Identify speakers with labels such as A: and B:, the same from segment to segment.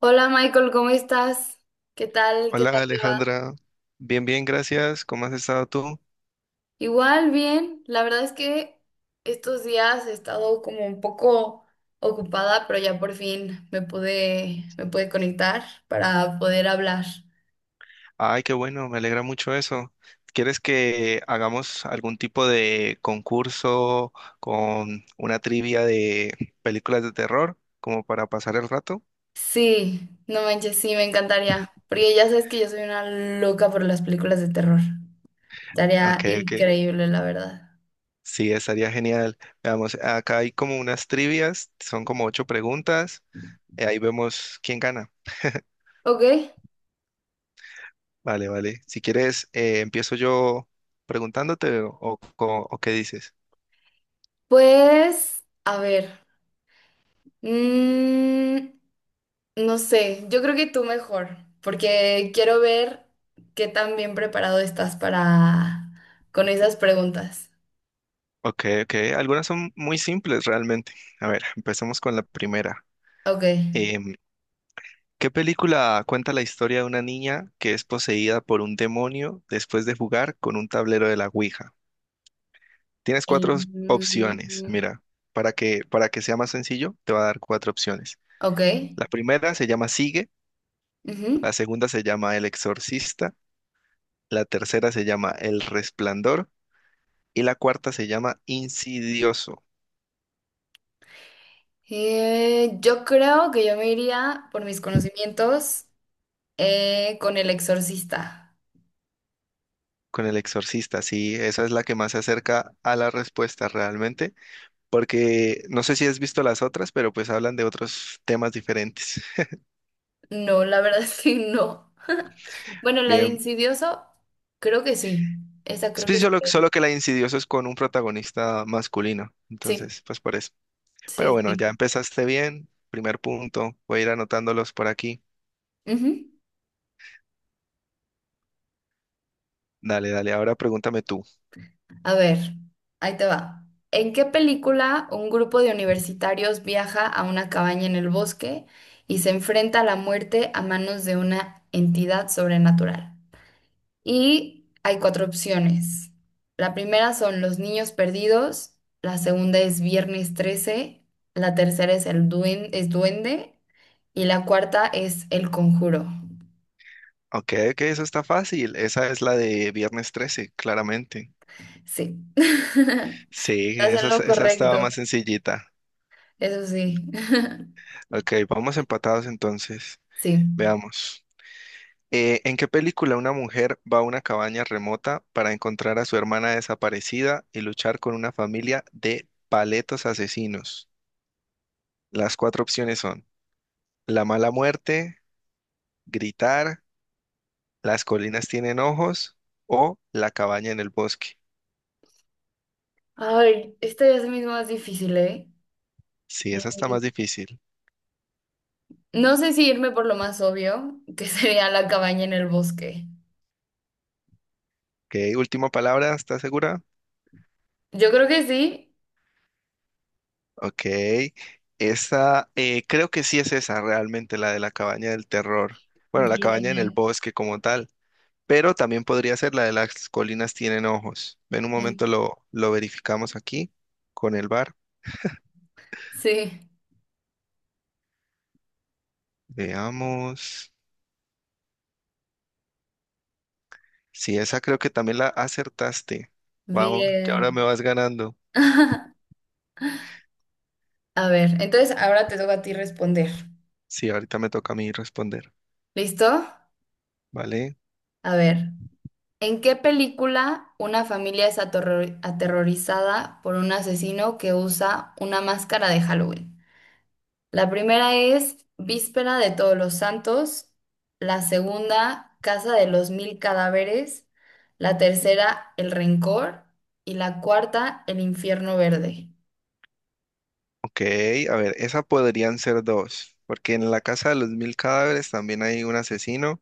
A: Hola Michael, ¿cómo estás? ¿Qué tal? ¿Qué tal
B: Hola
A: te va?
B: Alejandra, bien, bien, gracias. ¿Cómo has estado tú?
A: Igual, bien. La verdad es que estos días he estado como un poco ocupada, pero ya por fin me pude conectar para poder hablar.
B: Ay, qué bueno, me alegra mucho eso. ¿Quieres que hagamos algún tipo de concurso con una trivia de películas de terror como para pasar el rato?
A: Sí, no manches, sí, me encantaría, porque ya sabes que yo soy una loca por las películas de terror. Estaría
B: Ok, ok.
A: increíble, la verdad.
B: Sí, estaría genial. Veamos, acá hay como unas trivias, son como ocho preguntas, ahí vemos quién gana.
A: Ok,
B: Vale, vale. Si quieres, empiezo yo preguntándote o qué dices.
A: pues, a ver. Mm, No sé, yo creo que tú mejor, porque quiero ver qué tan bien preparado estás para con esas preguntas.
B: Ok, ok. Algunas son muy simples realmente. A ver, empecemos con la primera.
A: Ok.
B: Em, ¿Qué película cuenta la historia de una niña que es poseída por un demonio después de jugar con un tablero de la Ouija? Tienes cuatro
A: Em,
B: opciones, mira, para que sea más sencillo, te va a dar cuatro opciones.
A: ok.
B: La primera se llama Sigue,
A: Ujú.
B: la segunda se llama El Exorcista, la tercera se llama El Resplandor y la cuarta se llama Insidioso.
A: Yo creo que yo me iría por mis conocimientos con El Exorcista.
B: Con el exorcista, sí, esa es la que más se acerca a la respuesta realmente, porque no sé si has visto las otras, pero pues hablan de otros temas diferentes.
A: No, la verdad es que no. Bueno, la de
B: Bien,
A: Insidioso, creo que sí. Esa
B: es
A: creo
B: pues
A: que sí.
B: solo que la de Insidioso es con un protagonista masculino,
A: Sí,
B: entonces pues por eso. Pero
A: sí,
B: bueno,
A: sí.
B: ya empezaste bien, primer punto, voy a ir anotándolos por aquí.
A: Ujú.
B: Dale, dale, ahora pregúntame tú.
A: A ver, ahí te va. ¿En qué película un grupo de universitarios viaja a una cabaña en el bosque y se enfrenta a la muerte a manos de una entidad sobrenatural? Y hay cuatro opciones. La primera son Los Niños Perdidos, la segunda es Viernes 13, la tercera es Duende y la cuarta es El Conjuro.
B: Ok, ok, eso está fácil, esa es la de Viernes 13, claramente.
A: Sí. Estás
B: Sí,
A: en
B: esa,
A: lo
B: esa estaba
A: correcto,
B: más sencillita.
A: eso sí.
B: Ok, vamos empatados entonces.
A: Sí.
B: Veamos. ¿En qué película una mujer va a una cabaña remota para encontrar a su hermana desaparecida y luchar con una familia de paletos asesinos? Las cuatro opciones son La mala muerte, Gritar, Las colinas tienen ojos o La cabaña en el bosque.
A: Ay, esta es mismo más difícil, ¿eh?
B: Sí, esa está
A: Mm,
B: más difícil.
A: No sé si irme por lo más obvio, que sería la cabaña en el bosque.
B: Ok, última palabra, ¿estás segura?
A: Yo creo que sí.
B: Ok, esa creo que sí es esa realmente, la de la cabaña del terror. Bueno, la cabaña en el
A: Bien.
B: bosque como tal. Pero también podría ser la de las colinas tienen ojos. En un
A: Mm,
B: momento lo verificamos aquí con el bar.
A: Sí,
B: Veamos. Sí, esa creo que también la acertaste. Vamos, ya ahora me
A: bien.
B: vas ganando.
A: A ver, entonces ahora te toca a ti responder.
B: Sí, ahorita me toca a mí responder,
A: ¿Listo?
B: ¿vale?
A: A ver, ¿en qué película una familia aterrorizada por un asesino que usa una máscara de Halloween? La primera es Víspera de Todos los Santos, la segunda Casa de los Mil Cadáveres, la tercera El Rencor y la cuarta El Infierno Verde.
B: Ok, a ver, esa podrían ser dos, porque en la casa de los mil cadáveres también hay un asesino.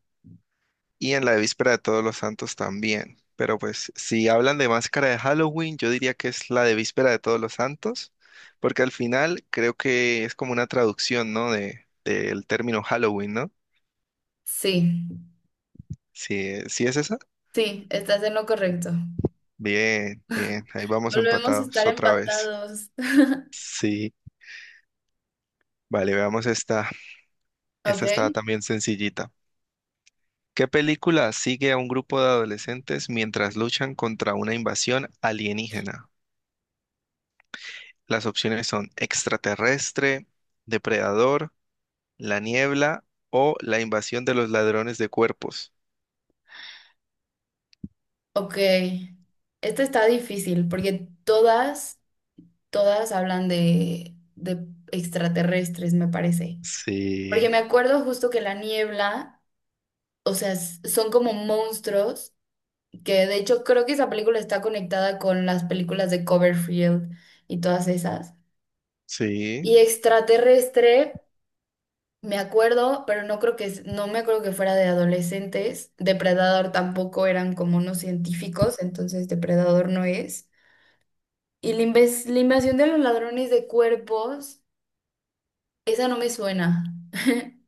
B: Y en la víspera de Todos los Santos también. Pero pues si hablan de máscara de Halloween, yo diría que es la de víspera de Todos los Santos, porque al final creo que es como una traducción, ¿no? De, del término Halloween, ¿no?
A: Sí,
B: Si, si es esa.
A: sí, estás en lo correcto.
B: Bien, bien, ahí vamos
A: Volvemos a
B: empatados
A: estar
B: otra vez.
A: empatados.
B: Sí, vale, veamos esta. Esta
A: Ok,
B: está también sencillita. ¿Qué película sigue a un grupo de adolescentes mientras luchan contra una invasión alienígena? Las opciones son extraterrestre, depredador, la niebla o la invasión de los ladrones de cuerpos.
A: ok. Esta está difícil porque todas hablan de extraterrestres, me parece. Porque
B: Sí,
A: me acuerdo justo que la niebla, o sea, son como monstruos, que de hecho creo que esa película está conectada con las películas de Coverfield y todas esas.
B: sí.
A: Y extraterrestre, me acuerdo, pero no creo que no me acuerdo que fuera de adolescentes. Depredador tampoco, eran como unos científicos, entonces Depredador no es. Y la invasión de los ladrones de cuerpos, esa no me suena.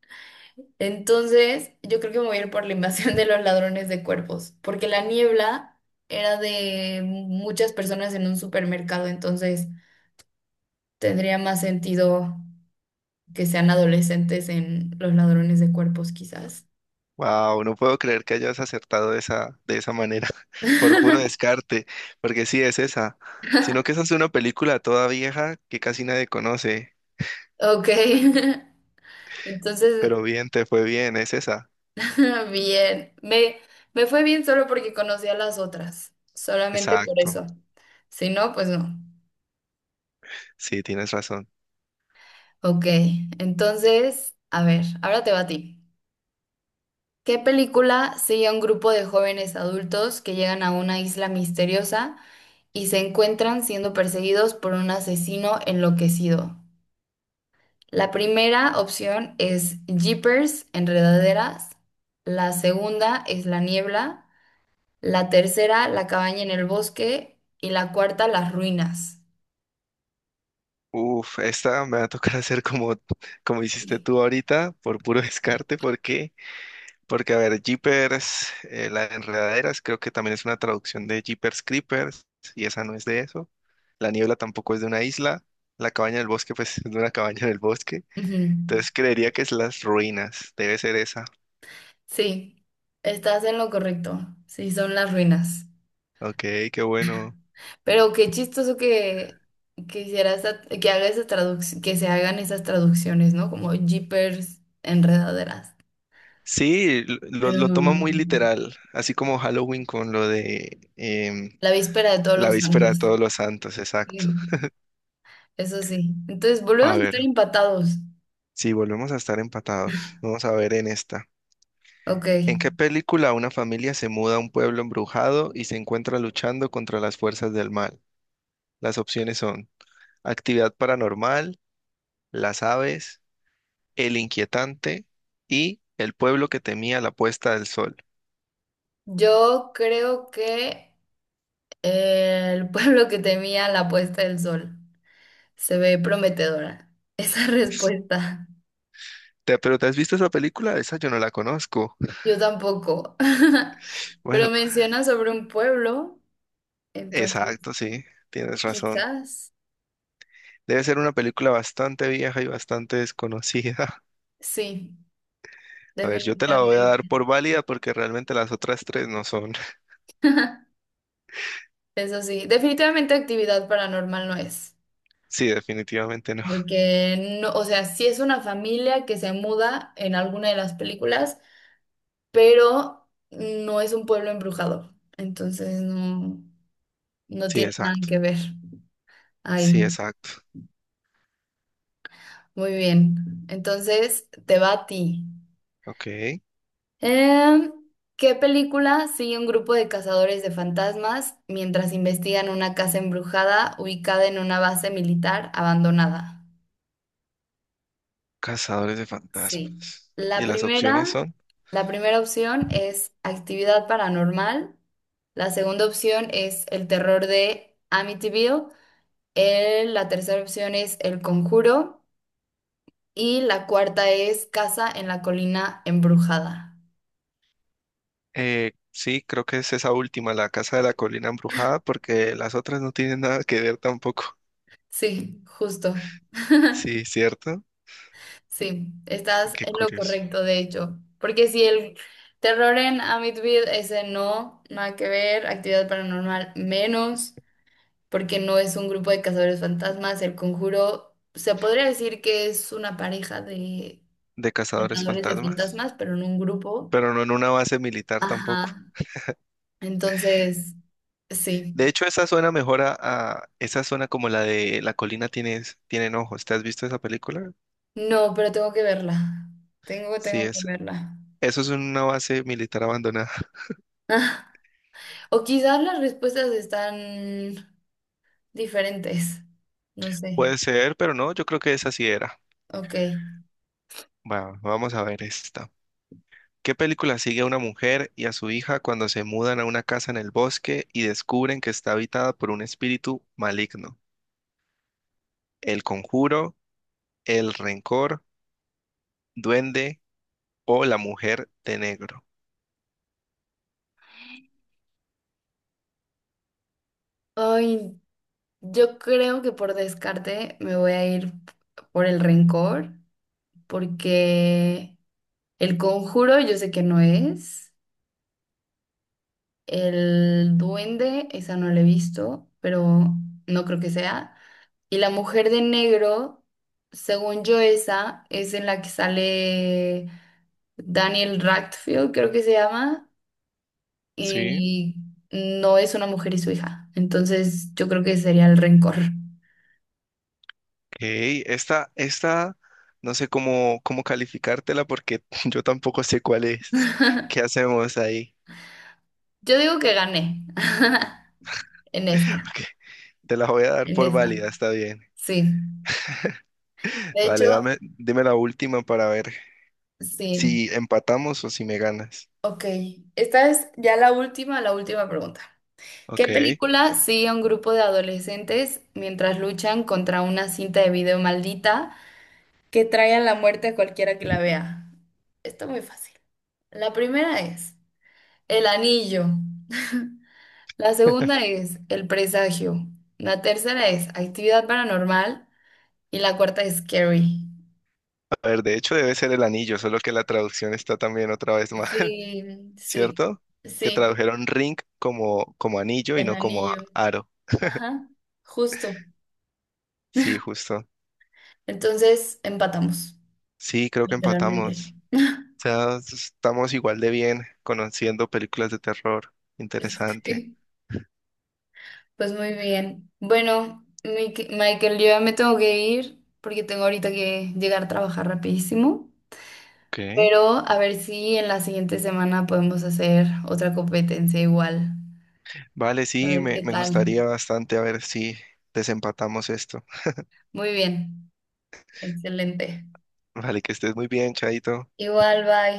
A: Entonces, yo creo que me voy a ir por la invasión de los ladrones de cuerpos, porque la niebla era de muchas personas en un supermercado, entonces tendría más sentido que sean adolescentes en los ladrones de cuerpos, quizás.
B: Wow, no puedo creer que hayas acertado de esa manera, por puro descarte, porque sí es esa. Sino que esa es una película toda vieja que casi nadie conoce,
A: Ok, entonces,
B: pero bien, te fue bien, es esa.
A: bien, me fue bien solo porque conocía las otras, solamente por
B: Exacto,
A: eso. Si no, pues no.
B: sí, tienes razón.
A: Ok, entonces, a ver, ahora te va a ti. ¿Qué película sigue a un grupo de jóvenes adultos que llegan a una isla misteriosa y se encuentran siendo perseguidos por un asesino enloquecido? La primera opción es Jeepers, Enredaderas. La segunda es La Niebla. La tercera, La Cabaña en el Bosque. Y la cuarta, Las Ruinas.
B: Uf, esta me va a tocar hacer como, como hiciste
A: Sí,
B: tú ahorita, por puro descarte, porque porque, a ver, Jeepers, la de Enredaderas, creo que también es una traducción de Jeepers Creepers, y esa no es de eso. La niebla tampoco es de una isla. La cabaña del bosque, pues, es de una cabaña del bosque.
A: Ujú.
B: Entonces creería que es las ruinas. Debe ser esa.
A: Sí, estás en lo correcto. Sí, son Las Ruinas.
B: Ok, qué bueno.
A: Pero qué chistoso que, que haga esa traduc- que se hagan esas traducciones, ¿no? Como jeepers, enredaderas.
B: Sí, l- lo,
A: Pero
B: lo toma muy literal, así como Halloween con lo de
A: la víspera de todos
B: la
A: los
B: víspera de
A: santos.
B: todos los santos, exacto.
A: Sí, eso sí. Entonces, volvemos
B: A
A: a
B: ver,
A: estar empatados.
B: si volvemos a estar empatados, vamos a ver en esta.
A: Ok.
B: ¿En qué película una familia se muda a un pueblo embrujado y se encuentra luchando contra las fuerzas del mal? Las opciones son Actividad Paranormal, Las Aves, El Inquietante y El pueblo que temía la puesta del sol.
A: Yo creo que el pueblo que temía la puesta del sol se ve prometedora. Esa respuesta.
B: ¿Pero te has visto esa película? Esa yo no la conozco.
A: Yo tampoco. Pero
B: Bueno,
A: menciona sobre un pueblo, entonces.
B: exacto, sí, tienes razón.
A: Quizás,
B: Debe ser una película bastante vieja y bastante desconocida.
A: sí,
B: A ver, yo te la voy a dar
A: definitivamente.
B: por válida porque realmente las otras tres no son.
A: Eso sí, definitivamente actividad paranormal no es,
B: Sí, definitivamente no.
A: porque no, o sea, sí es una familia que se muda en alguna de las películas, pero no es un pueblo embrujado, entonces no, no
B: Sí,
A: tiene nada
B: exacto.
A: que ver
B: Sí,
A: ahí.
B: exacto.
A: Muy bien, entonces te va a ti.
B: Ok.
A: Em, ¿Qué película sigue un grupo de cazadores de fantasmas mientras investigan una casa embrujada ubicada en una base militar abandonada?
B: Cazadores de
A: Sí.
B: fantasmas.
A: La
B: Y las opciones
A: primera,
B: son,
A: la primera opción es actividad paranormal. La segunda opción es el terror de Amityville. La tercera opción es el conjuro. Y la cuarta es casa en la colina embrujada.
B: sí, creo que es esa última, la casa de la colina embrujada, porque las otras no tienen nada que ver tampoco.
A: Sí, justo.
B: Sí, cierto.
A: Sí, estás
B: Qué
A: en lo
B: curioso.
A: correcto, de hecho. Porque si el terror en Amityville, ese no, nada que ver, actividad paranormal menos, porque no es un grupo de cazadores fantasmas, el conjuro, se podría decir que es una pareja de
B: De cazadores
A: cazadores de
B: fantasmas.
A: fantasmas, pero no un grupo.
B: Pero no en una base militar tampoco.
A: Ajá, entonces, sí.
B: De hecho, esa suena mejor a esa zona como la de la colina tiene, tienen ojos. ¿Te has visto esa película?
A: No, pero tengo que verla.
B: Sí,
A: Tengo que
B: es,
A: verla.
B: eso es una base militar abandonada.
A: O quizás las respuestas están diferentes, no sé.
B: Puede ser, pero no, yo creo que esa sí era.
A: Ok.
B: Va, vamos a ver esta. ¿Qué película sigue a una mujer y a su hija cuando se mudan a una casa en el bosque y descubren que está habitada por un espíritu maligno? ¿El conjuro, el rencor, duende o la mujer de negro?
A: Ay, yo creo que por descarte me voy a ir por el rencor, porque el conjuro yo sé que no es, el duende, esa no la he visto, pero no creo que sea, y la mujer de negro, según yo esa, es en la que sale Daniel Radcliffe, creo que se llama,
B: Sí.
A: y no es una mujer y su hija, entonces yo creo que sería el rencor.
B: Ok, esta, no sé cómo, cómo calificártela porque yo tampoco sé cuál es. ¿Qué hacemos ahí?
A: Yo digo que gané en esta,
B: Ok, te la voy a dar
A: en
B: por
A: esta.
B: válida, está bien.
A: Sí. De
B: Vale,
A: hecho,
B: dame, dime la última para ver
A: sí.
B: si empatamos o si me ganas.
A: Ok. Esta es ya la última pregunta. ¿Qué
B: Ok.
A: película sigue a un grupo de adolescentes mientras luchan contra una cinta de video maldita que trae a la muerte a cualquiera que la vea? Está muy fácil. La primera es El Anillo. La segunda es El Presagio. La tercera es Actividad Paranormal. Y la cuarta es Scary.
B: A ver, de hecho debe ser el anillo, solo que la traducción está también otra vez mal,
A: Sí, sí,
B: ¿cierto? Que
A: sí,
B: tradujeron ring como, como anillo y
A: el
B: no como
A: anillo.
B: aro.
A: Ajá, justo.
B: Sí, justo.
A: Entonces empatamos,
B: Sí, creo que
A: literalmente.
B: empatamos. O sea, estamos igual de bien conociendo películas de terror. Interesante.
A: Sí, pues muy bien. Bueno, Michael, yo ya me tengo que ir porque tengo ahorita que llegar a trabajar rapidísimo.
B: Ok.
A: Pero a ver si en la siguiente semana podemos hacer otra competencia igual.
B: Vale,
A: A
B: sí,
A: ver
B: me,
A: qué
B: me
A: tal.
B: gustaría bastante a ver si desempatamos esto.
A: Muy bien, excelente.
B: Vale, que estés muy bien, Chaito.
A: Igual, bye.